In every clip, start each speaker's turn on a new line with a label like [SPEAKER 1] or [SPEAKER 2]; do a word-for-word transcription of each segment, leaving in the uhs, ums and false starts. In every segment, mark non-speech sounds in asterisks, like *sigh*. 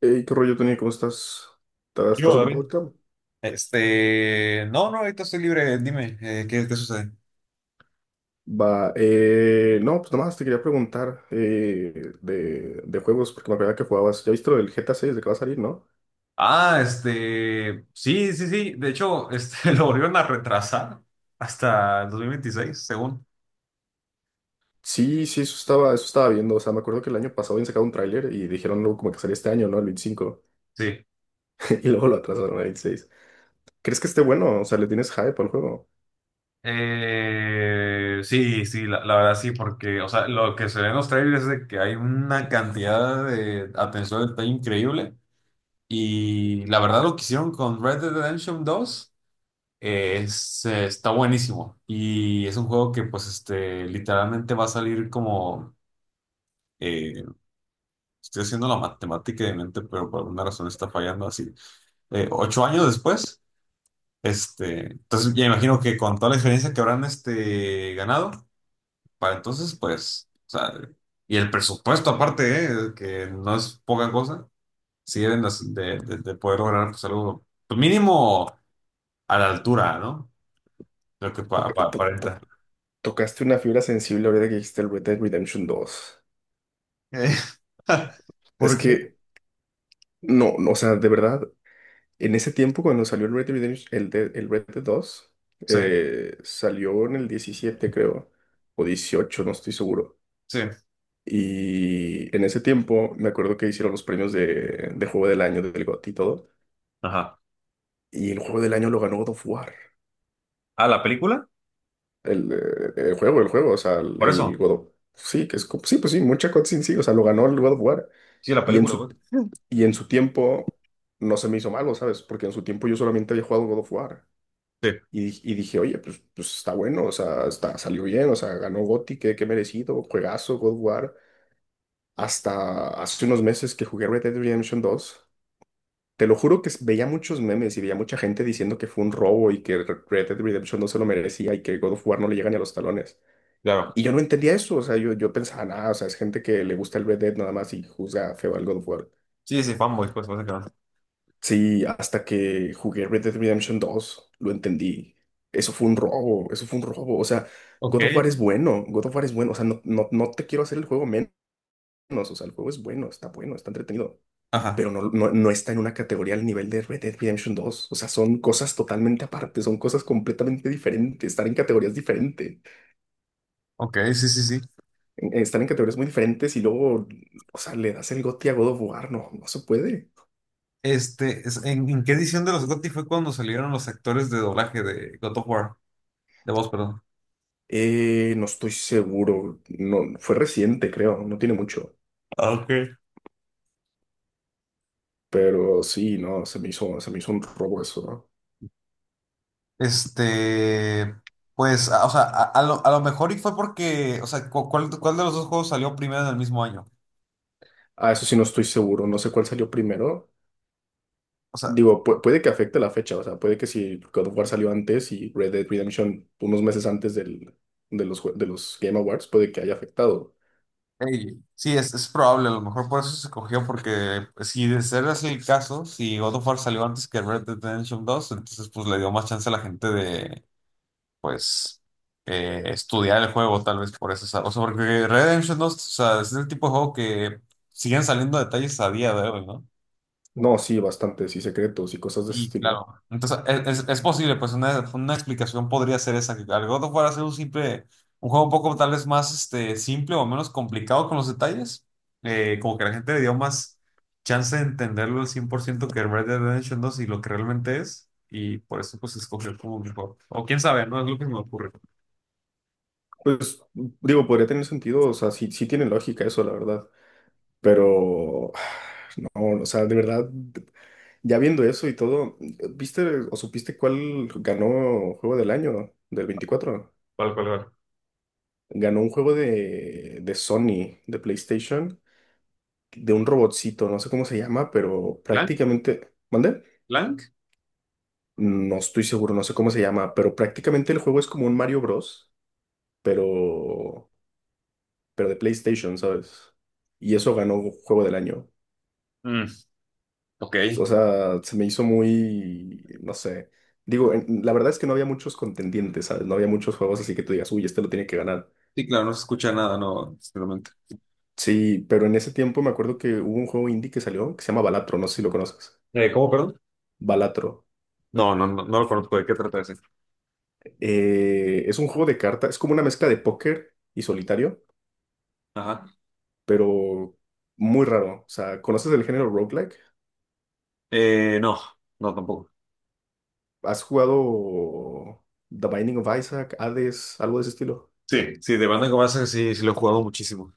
[SPEAKER 1] Ey, ¿qué rollo, Tony? ¿Cómo estás? ¿Estás, estás
[SPEAKER 2] Yo,
[SPEAKER 1] ocupado
[SPEAKER 2] David.
[SPEAKER 1] ahorita?
[SPEAKER 2] Este, no, no, ahorita estoy libre, dime, eh, ¿qué, qué sucede?
[SPEAKER 1] Va, eh, no, pues nada más te quería preguntar eh, de, de juegos, porque me acuerdo que jugabas. ¿Ya viste lo del G T A seis de que va a salir, no?
[SPEAKER 2] Ah, este, sí, sí, sí, de hecho, este, *laughs* lo volvieron a retrasar hasta el dos mil veintiséis, según,
[SPEAKER 1] Sí, sí, eso estaba, eso estaba viendo. O sea, me acuerdo que el año pasado habían sacado un tráiler y dijeron luego como que salía este año, ¿no? El veinticinco.
[SPEAKER 2] sí.
[SPEAKER 1] *laughs* Y luego lo atrasaron al veintiséis. ¿Crees que esté bueno? O sea, ¿le tienes hype al juego?
[SPEAKER 2] Eh, sí, sí, la, la verdad sí, porque, o sea, lo que se ve en los trailers es de que hay una cantidad de atención al detalle increíble y la verdad lo que hicieron con Red Dead Redemption dos. Eh, Es, eh, está buenísimo y es un juego que pues este literalmente va a salir como eh, estoy haciendo la matemática de mente pero por alguna razón está fallando así eh, ocho años después. Este entonces ya imagino que con toda la experiencia que habrán este ganado para entonces pues, o sea, y el presupuesto aparte, eh, que no es poca cosa, si deben de, de- de- de poder lograr pues algo pues, mínimo a la altura, ¿no? Lo que pa-
[SPEAKER 1] Toc-
[SPEAKER 2] pa-
[SPEAKER 1] to- to-
[SPEAKER 2] aparenta.
[SPEAKER 1] tocaste una fibra sensible ahorita que dijiste el Red Dead Redemption dos.
[SPEAKER 2] Eh, *laughs*
[SPEAKER 1] Es
[SPEAKER 2] porque,
[SPEAKER 1] que no, no, o sea, de verdad. En ese tiempo, cuando salió el Red Dead Redemption, el de- el Red Dead dos
[SPEAKER 2] sí,
[SPEAKER 1] eh, salió en el diecisiete, creo, o dieciocho, no estoy seguro.
[SPEAKER 2] sí.
[SPEAKER 1] Y en ese tiempo, me acuerdo que hicieron los premios de, de Juego del Año, del GOTY y todo.
[SPEAKER 2] Ajá.
[SPEAKER 1] Y el Juego del Año lo ganó God of War.
[SPEAKER 2] ¿Ah, la película?
[SPEAKER 1] El, eh, el juego, el juego, o sea, el,
[SPEAKER 2] Por
[SPEAKER 1] el
[SPEAKER 2] eso.
[SPEAKER 1] God of. Sí, que es. co- Sí, pues sí, mucha cutscene, sí, o sea, lo ganó el God of War.
[SPEAKER 2] Sí, la
[SPEAKER 1] Y en
[SPEAKER 2] película,
[SPEAKER 1] su,
[SPEAKER 2] pues.
[SPEAKER 1] y en su tiempo no se me hizo malo, ¿sabes? Porque en su tiempo yo solamente había jugado God of War.
[SPEAKER 2] Sí,
[SPEAKER 1] Y, di- y dije, oye, pues, pues está bueno, o sea, está, salió bien, o sea, ganó GOTY, qué, qué merecido, juegazo, God of War. Hasta hace unos meses que jugué Red Dead Redemption dos, te lo juro que s- veía muchos memes y veía mucha gente diciendo que fue un robo y que Re- Red Dead Redemption no se lo merecía y que God of War no le llega ni a los talones.
[SPEAKER 2] claro.
[SPEAKER 1] Y yo no entendía eso, o sea, yo, yo pensaba, nada, o sea, es gente que le gusta el Red Dead nada más y juzga feo al God of War.
[SPEAKER 2] Sí, sí, fanboy, pues, básicamente.
[SPEAKER 1] Sí, hasta que jugué Red Dead Redemption dos, lo entendí. Eso fue un robo, eso fue un robo. O sea,
[SPEAKER 2] Ok.
[SPEAKER 1] God of War es bueno, God of War es bueno. O sea, no, no, no te quiero hacer el juego menos. O sea, el juego es bueno, está bueno, está entretenido.
[SPEAKER 2] Ajá.
[SPEAKER 1] Pero no, no, no está en una categoría al nivel de Red Dead Redemption dos. O sea, son cosas totalmente aparte, son cosas completamente diferentes. Estar en categorías diferentes,
[SPEAKER 2] Ok, sí, sí, sí.
[SPEAKER 1] estar en categorías muy diferentes y luego, o sea, le das el goti a God of War, no, no se puede.
[SPEAKER 2] Este, es- ¿en, en qué edición de los GOTY fue cuando salieron los actores de doblaje de God of War? De voz, perdón.
[SPEAKER 1] Eh, no estoy seguro. No, fue reciente, creo. No tiene mucho.
[SPEAKER 2] Ah, ok.
[SPEAKER 1] Pero sí, no, se me hizo, se me hizo un robo eso, ¿no?
[SPEAKER 2] Este, pues, a- o sea, a, a lo, a lo mejor y fue porque, o sea, cu- ¿cuál, cuál de los dos juegos salió primero en el mismo año?
[SPEAKER 1] Ah, eso sí, no estoy seguro. No sé cuál salió primero.
[SPEAKER 2] O sea,
[SPEAKER 1] Digo, pu- puede que afecte la fecha. O sea, puede que si God of War salió antes y Red Dead Redemption unos meses antes del, de los, jue- de los Game Awards, puede que haya afectado.
[SPEAKER 2] ey, sí, es, es probable, a lo mejor por eso se cogió, porque pues, si de ser así el caso, si God of War salió antes que Red Dead Redemption dos entonces pues le dio más chance a la gente de, pues, eh, estudiar el juego, tal vez por eso, o sea, o sea, porque Red Dead Redemption dos, o sea, es el tipo de juego que siguen saliendo detalles a día de hoy, ¿no?
[SPEAKER 1] No, sí, bastante. Sí, secretos y cosas de ese
[SPEAKER 2] Sí, claro.
[SPEAKER 1] estilo.
[SPEAKER 2] Entonces, es, es- es posible, pues una, una explicación podría ser esa, que al God of War hacer un simple, un juego un poco tal vez más este, simple o menos complicado con los detalles, eh, como que la gente le dio más chance de entenderlo al cien por ciento que Red Dead Redemption dos y lo que realmente es, y por eso pues escogió como mejor. O quién sabe, no es lo que me ocurre.
[SPEAKER 1] Pues, digo, podría tener sentido. O sea, sí, sí tiene lógica eso, la verdad. Pero *sighs* no, o sea, de verdad. Ya viendo eso y todo, ¿viste o supiste cuál ganó juego del año del veinticuatro?
[SPEAKER 2] ¿Cuál, cuál, cuál?
[SPEAKER 1] Ganó un juego de, de Sony, de PlayStation, de un robotcito, no sé cómo se llama, pero
[SPEAKER 2] ¿Blank?
[SPEAKER 1] prácticamente. ¿Mande?
[SPEAKER 2] ¿Blank?
[SPEAKER 1] No estoy seguro, no sé cómo se llama, pero prácticamente el juego es como un Mario Bros, pero, pero de PlayStation, ¿sabes? Y eso ganó juego del año.
[SPEAKER 2] Mm, ok.
[SPEAKER 1] O sea, se me hizo muy, no sé. Digo, en- la verdad es que no había muchos contendientes, ¿sabes? No había muchos juegos así que tú digas, uy, este lo tiene que ganar.
[SPEAKER 2] Sí, claro, no se escucha nada, no, simplemente.
[SPEAKER 1] Sí, pero en ese tiempo me acuerdo que hubo un juego indie que salió que se llama Balatro, no sé si lo conoces.
[SPEAKER 2] Eh, ¿cómo, perdón?
[SPEAKER 1] Balatro.
[SPEAKER 2] No, no, no, no lo conozco, ¿de qué trata ese?
[SPEAKER 1] Eh, es un juego de cartas, es como una mezcla de póker y solitario,
[SPEAKER 2] Ajá.
[SPEAKER 1] pero muy raro. O sea, ¿conoces el género roguelike?
[SPEAKER 2] Eh, no, no tampoco.
[SPEAKER 1] ¿Has jugado The Binding of Isaac, Hades, algo de ese estilo?
[SPEAKER 2] Sí. Sí, de Bandan Comarsan sí, sí lo he jugado muchísimo.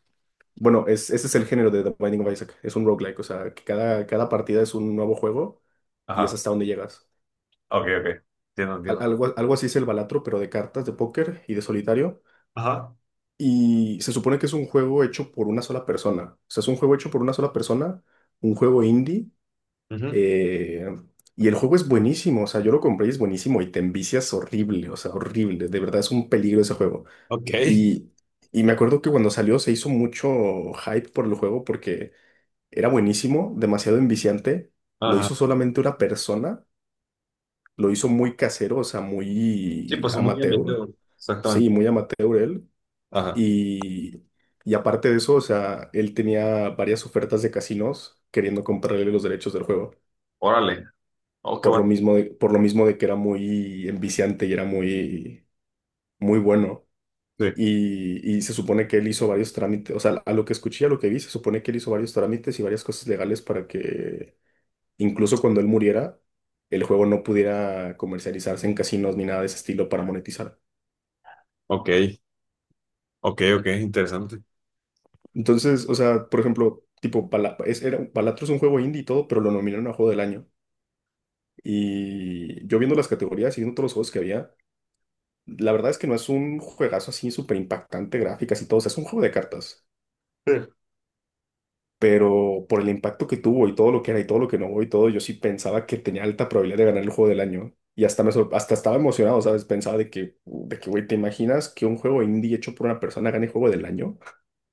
[SPEAKER 1] Bueno, es, ese es el género de The Binding of Isaac. Es un roguelike, o sea, que cada, cada partida es un nuevo juego y es
[SPEAKER 2] Ajá.
[SPEAKER 1] hasta donde llegas.
[SPEAKER 2] Ok, ok. Entiendo,
[SPEAKER 1] Al-
[SPEAKER 2] entiendo.
[SPEAKER 1] algo, algo así es el Balatro, pero de cartas, de póker y de solitario.
[SPEAKER 2] Ajá.
[SPEAKER 1] Y se supone que es un juego hecho por una sola persona. O sea, es un juego hecho por una sola persona, un juego indie.
[SPEAKER 2] Ujú.
[SPEAKER 1] eh, y el juego es buenísimo, o sea, yo lo compré y es buenísimo y te envicias horrible, o sea, horrible. De verdad es un peligro ese juego.
[SPEAKER 2] Ok.
[SPEAKER 1] Y, y me acuerdo que cuando salió se hizo mucho hype por el juego porque. Era buenísimo, demasiado enviciante. Lo
[SPEAKER 2] Ajá.
[SPEAKER 1] hizo solamente una persona. Lo hizo muy casero, o sea,
[SPEAKER 2] Sí,
[SPEAKER 1] muy
[SPEAKER 2] pues son muy bien
[SPEAKER 1] amateur.
[SPEAKER 2] metido.
[SPEAKER 1] Sí,
[SPEAKER 2] Exactamente.
[SPEAKER 1] muy amateur él.
[SPEAKER 2] Ajá.
[SPEAKER 1] Y, y aparte de eso, o sea, él tenía varias ofertas de casinos queriendo comprarle los derechos del juego.
[SPEAKER 2] Órale. Oh, qué
[SPEAKER 1] Por lo
[SPEAKER 2] bueno.
[SPEAKER 1] mismo de, por lo mismo de que era muy enviciante y era muy, muy bueno.
[SPEAKER 2] Sí.
[SPEAKER 1] Y, y se supone que él hizo varios trámites, o sea, a lo que escuché, a lo que vi, se supone que él hizo varios trámites y varias cosas legales para que incluso cuando él muriera, el juego no pudiera comercializarse en casinos ni nada de ese estilo para monetizar.
[SPEAKER 2] Ok. Ok, ok, interesante.
[SPEAKER 1] Entonces, o sea, por ejemplo, tipo, Bala- es, era, Balatro es un juego indie y todo, pero lo nominaron a juego del año. Y yo viendo las categorías y viendo todos los juegos que había, la verdad es que no es un juegazo así súper impactante, gráficas y todo, o sea, es un juego de cartas.
[SPEAKER 2] Sí.
[SPEAKER 1] Pero por el impacto que tuvo y todo lo que era y todo lo que no hubo y todo, yo sí pensaba que tenía alta probabilidad de ganar el juego del año. Y hasta, me sor- hasta estaba emocionado, ¿sabes? Pensaba de que, de que, güey, ¿te imaginas que un juego indie hecho por una persona gane juego del año?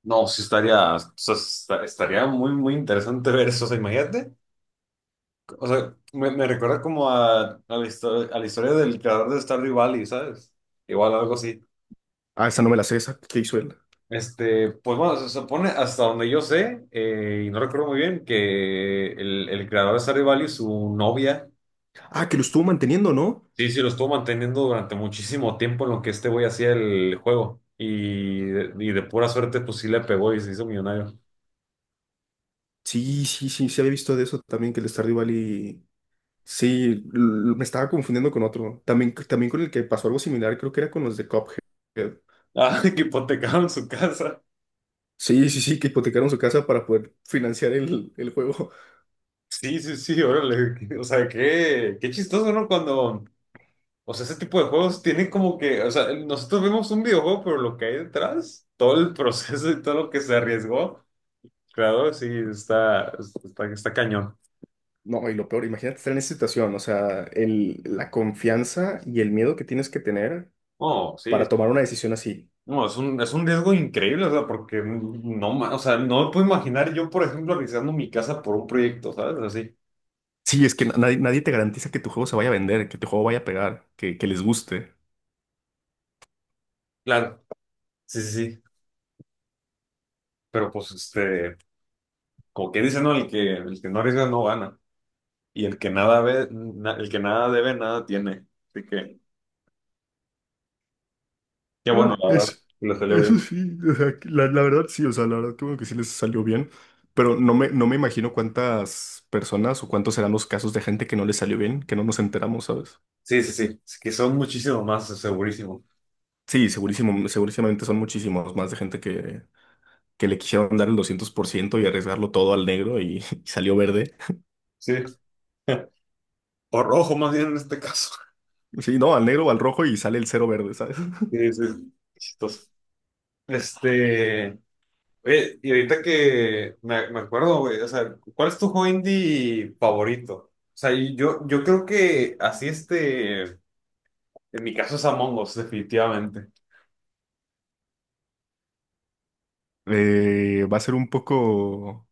[SPEAKER 2] No, sí estaría, o sea, esta- estaría muy, muy interesante ver eso. O sea, imagínate. O sea, me, me recuerda como a, a la historia, a la historia del creador de Stardew Valley, ¿sabes? Igual algo así.
[SPEAKER 1] Ah, esa no me la sé, esa. ¿Qué hizo él?
[SPEAKER 2] Este, pues bueno, se supone hasta donde yo sé, eh, y no recuerdo muy bien, que el, el creador de Stardew Valley, su novia,
[SPEAKER 1] Ah, que lo estuvo manteniendo, ¿no?
[SPEAKER 2] sí, sí, lo estuvo manteniendo durante muchísimo tiempo en lo que este güey hacía el juego. Y de, y de pura suerte, pues sí le pegó y se hizo millonario.
[SPEAKER 1] Sí, sí, sí, se había visto de eso también, que el Stardew Valley. Sí, l- me estaba confundiendo con otro. También, también con el que pasó algo similar, creo que era con los de Cuphead.
[SPEAKER 2] Ah, *laughs* que hipotecaron su casa.
[SPEAKER 1] Sí, sí, sí, que hipotecaron su casa para poder financiar el, el juego.
[SPEAKER 2] Sí, sí, sí, órale. *laughs* O sea, qué, qué chistoso, ¿no? Cuando, o sea, ese tipo de juegos tienen como que, o sea, nosotros vemos un videojuego, pero lo que hay detrás, todo el *laughs* proceso y todo lo que se arriesgó. Claro, sí, está, está, está cañón.
[SPEAKER 1] No, y lo peor, imagínate estar en esa situación, o sea, el, la confianza y el miedo que tienes que tener
[SPEAKER 2] Oh, sí.
[SPEAKER 1] para tomar una decisión así.
[SPEAKER 2] No, es un, es un riesgo increíble, o sea, porque no, ma- o sea, no me puedo imaginar yo, por ejemplo, arriesgando mi casa por un proyecto, ¿sabes? Así.
[SPEAKER 1] Sí, es que na- nadie, nadie te garantiza que tu juego se vaya a vender, que tu juego vaya a pegar, que, que les guste.
[SPEAKER 2] Claro. Sí, sí, sí. Pero pues, este, como que dicen, no, el que, el que no arriesga no gana. Y el que nada ve, na- el que nada debe, nada tiene. Así que, qué
[SPEAKER 1] Ah,
[SPEAKER 2] bueno, la verdad,
[SPEAKER 1] Eso,
[SPEAKER 2] que le salió
[SPEAKER 1] eso
[SPEAKER 2] bien.
[SPEAKER 1] sí, o sea, que la, la verdad sí, o sea, la verdad creo que sí les salió bien, pero no me, no me imagino cuántas personas o cuántos serán los casos de gente que no les salió bien, que no nos enteramos, ¿sabes?
[SPEAKER 2] Sí, sí, sí. Es que son muchísimo más, segurísimo.
[SPEAKER 1] Sí, segurísimo, segurísimamente son muchísimos más de gente que que le quisieron dar el doscientos por ciento y arriesgarlo todo al negro y, *laughs* y salió verde.
[SPEAKER 2] Sí. *laughs* Por rojo, más bien en este caso.
[SPEAKER 1] Sí, no, al negro o al rojo y sale el cero verde, ¿sabes? *laughs*
[SPEAKER 2] Sí, sí. Chistoso. Este, Oye, y ahorita que me, me acuerdo, güey, o sea, ¿cuál es tu juego indie favorito? O sea, y yo, yo creo que así este, en mi caso es Among Us, definitivamente.
[SPEAKER 1] Eh, va a ser un poco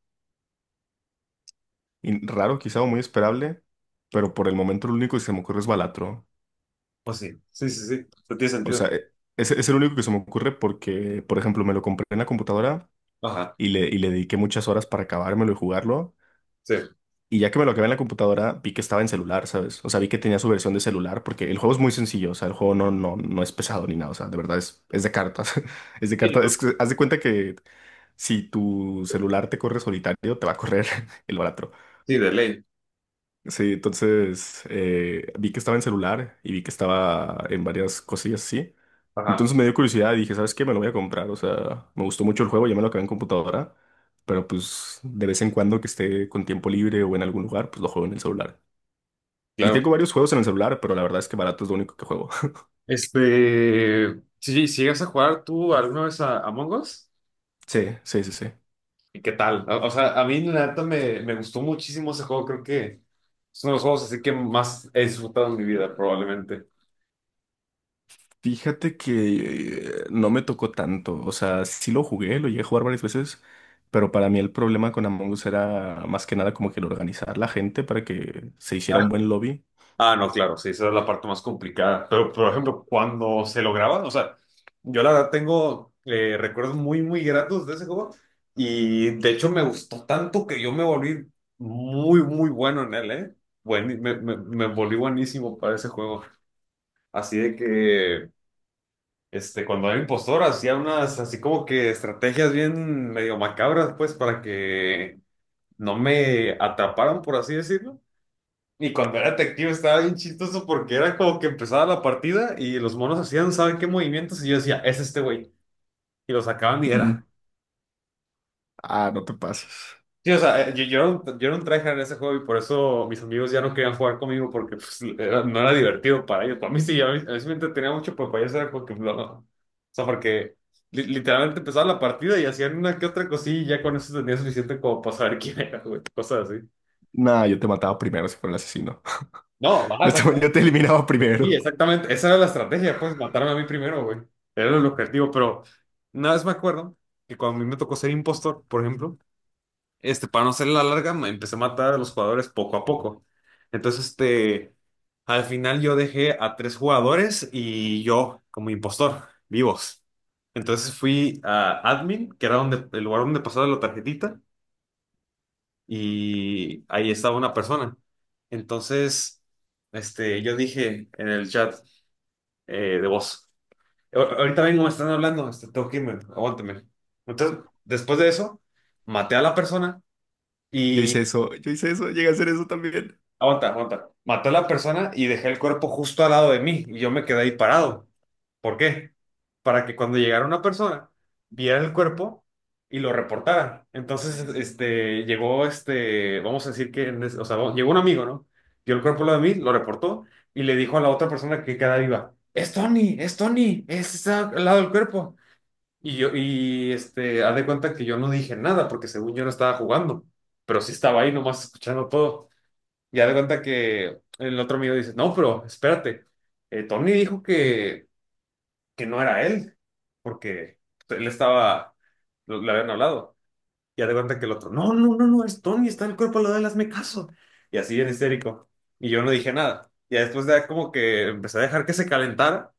[SPEAKER 1] in- raro, quizá, o muy esperable, pero por el momento lo único que se me ocurre es Balatro.
[SPEAKER 2] O sí, sí, sí, sí, no tiene
[SPEAKER 1] O
[SPEAKER 2] sentido.
[SPEAKER 1] sea, eh, es, es el único que se me ocurre porque, por ejemplo, me lo compré en la computadora
[SPEAKER 2] Ajá,
[SPEAKER 1] y le, y le dediqué muchas horas para acabármelo y jugarlo.
[SPEAKER 2] sí.
[SPEAKER 1] Y ya que me lo acabé en la computadora, vi que estaba en celular, ¿sabes? O sea, vi que tenía su versión de celular, porque el juego es muy sencillo, o sea, el juego no, no, no es pesado ni nada, o sea, de verdad es, es de cartas, *laughs* es de
[SPEAKER 2] Sí,
[SPEAKER 1] cartas,
[SPEAKER 2] ¿no?
[SPEAKER 1] es que haz de cuenta que si tu celular te corre solitario, te va a correr *laughs* el baratro.
[SPEAKER 2] Sí, de ley.
[SPEAKER 1] Sí, entonces eh, vi que estaba en celular y vi que estaba en varias cosillas así.
[SPEAKER 2] Ajá,
[SPEAKER 1] Entonces me dio curiosidad y dije, ¿sabes qué? Me lo voy a comprar, o sea, me gustó mucho el juego, ya me lo acabé en computadora, pero pues de vez en cuando que esté con tiempo libre o en algún lugar, pues lo juego en el celular. Y
[SPEAKER 2] claro.
[SPEAKER 1] tengo varios juegos en el celular, pero la verdad es que barato es lo único que juego. *laughs*
[SPEAKER 2] Este, sí, si llegas a jugar tú alguna vez a Among Us,
[SPEAKER 1] Sí, sí, sí, sí.
[SPEAKER 2] ¿y qué tal? O, o sea, a mí la neta me, me gustó muchísimo ese juego, creo que... Es uno de los juegos así que más he disfrutado en mi vida, probablemente.
[SPEAKER 1] Fíjate que eh, no me tocó tanto. O sea, sí lo jugué, lo llegué a jugar varias veces, pero para mí el problema con Among Us era más que nada como que el organizar la gente para que se hiciera
[SPEAKER 2] Ah,
[SPEAKER 1] un buen lobby.
[SPEAKER 2] ah, no, claro, sí, esa es la parte más complicada. Pero, por ejemplo, cuando se lo lograban, o sea, yo la verdad tengo eh, recuerdos muy, muy gratos de ese juego. Y de hecho me gustó tanto que yo me volví muy, muy bueno en él, ¿eh? Buen- me, me- me volví buenísimo para ese juego. Así de que, este, cuando era impostor, hacía unas, así como que estrategias bien medio macabras, pues, para que no me atraparan, por así decirlo. Y cuando era detective estaba bien chistoso porque era como que empezaba la partida y los monos hacían, ¿saben qué movimientos? Y yo decía, es este güey. Y lo sacaban y
[SPEAKER 1] Mm.
[SPEAKER 2] era.
[SPEAKER 1] Ah, no te pases.
[SPEAKER 2] Sí, o sea, eh, yo, yo era un, yo era un tryhard en ese juego y por eso mis amigos ya no querían jugar conmigo porque pues, era- no era divertido para ellos. Para mí sí, a mí, a mí sí me entretenía mucho, pero para ellos era como que no. O sea, porque li- literalmente empezaba la partida y hacían una que otra cosilla y ya con eso tenía suficiente como para saber quién era, güey. Cosas así.
[SPEAKER 1] Nah, yo te mataba primero si fuera el asesino.
[SPEAKER 2] No,
[SPEAKER 1] *laughs*
[SPEAKER 2] ajá,
[SPEAKER 1] Yo te, yo
[SPEAKER 2] exacto.
[SPEAKER 1] te eliminaba
[SPEAKER 2] Sí,
[SPEAKER 1] primero.
[SPEAKER 2] exactamente. Esa era la estrategia, pues matarme a mí primero, güey. Era el objetivo, pero una vez me acuerdo que cuando a mí me tocó ser impostor, por ejemplo, este, para no hacer la larga, me empecé a matar a los jugadores poco a poco. Entonces, este, al final yo dejé a tres jugadores y yo como impostor, vivos. Entonces fui a admin, que era donde, el lugar donde pasaba la tarjetita, y ahí estaba una persona. Entonces, este, yo dije en el chat eh, de voz. Ahor- Ahorita vengo, me están hablando, este, tengo que irme, aguántame. Entonces, después de eso, maté a la persona
[SPEAKER 1] Yo
[SPEAKER 2] y...
[SPEAKER 1] hice eso, yo hice eso, llegué a hacer eso también.
[SPEAKER 2] Aguanta, aguanta. Maté a la persona y dejé el cuerpo justo al lado de mí y yo me quedé ahí parado. ¿Por qué? Para que cuando llegara una persona, viera el cuerpo y lo reportara. Entonces, este, llegó, este, vamos a decir que, en es- o sea, llegó un amigo, ¿no? Vio el cuerpo al lado de mí, lo reportó y le dijo a la otra persona que queda viva, es Tony, es Tony, es está al lado del cuerpo. Y yo, y este, haz de cuenta que yo no dije nada porque según yo no estaba jugando, pero sí estaba ahí nomás escuchando todo. Y haz de cuenta que el otro amigo dice, no, pero espérate, eh, Tony dijo que, que no era él, porque él estaba, lo, le habían hablado. Y haz de cuenta que el otro, no, no, no, no, es Tony, está en el cuerpo, al lado de él, hazme caso. Y así bien histérico. Y yo no dije nada. Y después de como que empecé a dejar que se calentara.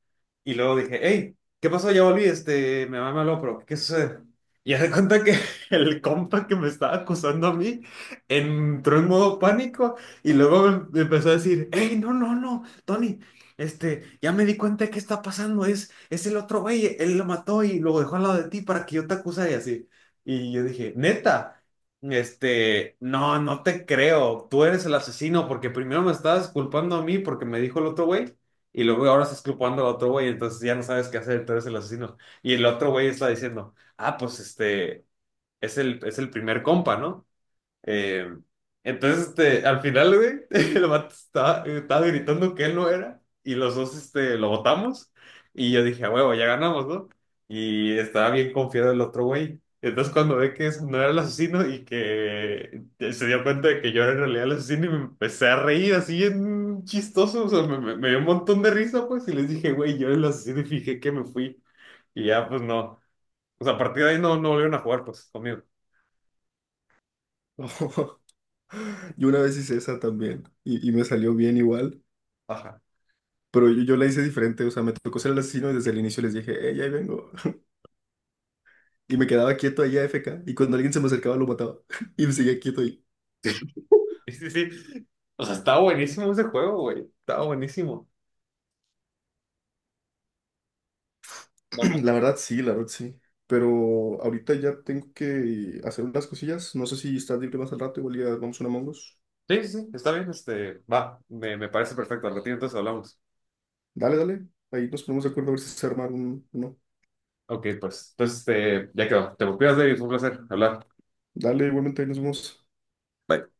[SPEAKER 2] Y luego dije, hey, ¿qué pasó? Ya volví, este, mi mamá me habló, pero ¿qué sucede? Y haz de cuenta que *laughs* el compa que me estaba acusando a mí entró en modo pánico y luego me me empezó a decir, hey, no, no, no, Tony, este, ya me di cuenta de qué está pasando, es, es el otro güey, él lo mató y lo dejó al lado de ti para que yo te acusara y así. Y yo dije, neta, este, no, no te creo, tú eres el asesino porque primero me estabas culpando a mí porque me dijo el otro güey y luego ahora estás culpando al otro güey, entonces ya no sabes qué hacer, tú eres el asesino. Y el otro güey está diciendo, ah, pues este, es el, es el primer compa, ¿no? Eh, entonces, este, al final, güey, *laughs* el vato estaba, estaba gritando que él no era y los dos, este, lo votamos y yo dije, a huevo, ya ganamos, ¿no? Y estaba bien confiado el otro güey. Entonces, cuando ve que ese no era el asesino y que se dio cuenta de que yo era en realidad el asesino y me empecé a reír así bien chistoso, o sea, me, me- me dio un montón de risa, pues, y les dije, güey, yo era el asesino y fijé que me fui. Y ya, pues, no. O sea, a partir de ahí no, no volvieron a jugar, pues, conmigo.
[SPEAKER 1] *laughs* Yo una vez hice esa también y, y me salió bien igual.
[SPEAKER 2] Ajá.
[SPEAKER 1] Pero yo, yo la hice diferente, o sea, me tocó ser el asesino y desde el inicio les dije, hey, ahí vengo. *laughs* Y me quedaba quieto ahí a F K y cuando alguien se me acercaba lo mataba, *laughs* y me seguía quieto ahí.
[SPEAKER 2] *laughs* Sí, sí, sí. O sea, está buenísimo ese juego, güey. Está buenísimo. No, ma-
[SPEAKER 1] *clears throat* La verdad sí, la verdad sí. Pero ahorita ya tengo que hacer unas cosillas, no sé si estás libre más al rato, igual ya vamos a una Among Us.
[SPEAKER 2] Sí, sí, sí, está bien. Este, va, me, me parece perfecto. Al ratito entonces hablamos.
[SPEAKER 1] Dale, dale, ahí nos ponemos de acuerdo a ver si se arma un, uno.
[SPEAKER 2] Ok, pues, entonces, este, ya quedó. Te me cuidas, David. Fue un placer hablar.
[SPEAKER 1] Dale, igualmente, ahí nos vemos.
[SPEAKER 2] Bye.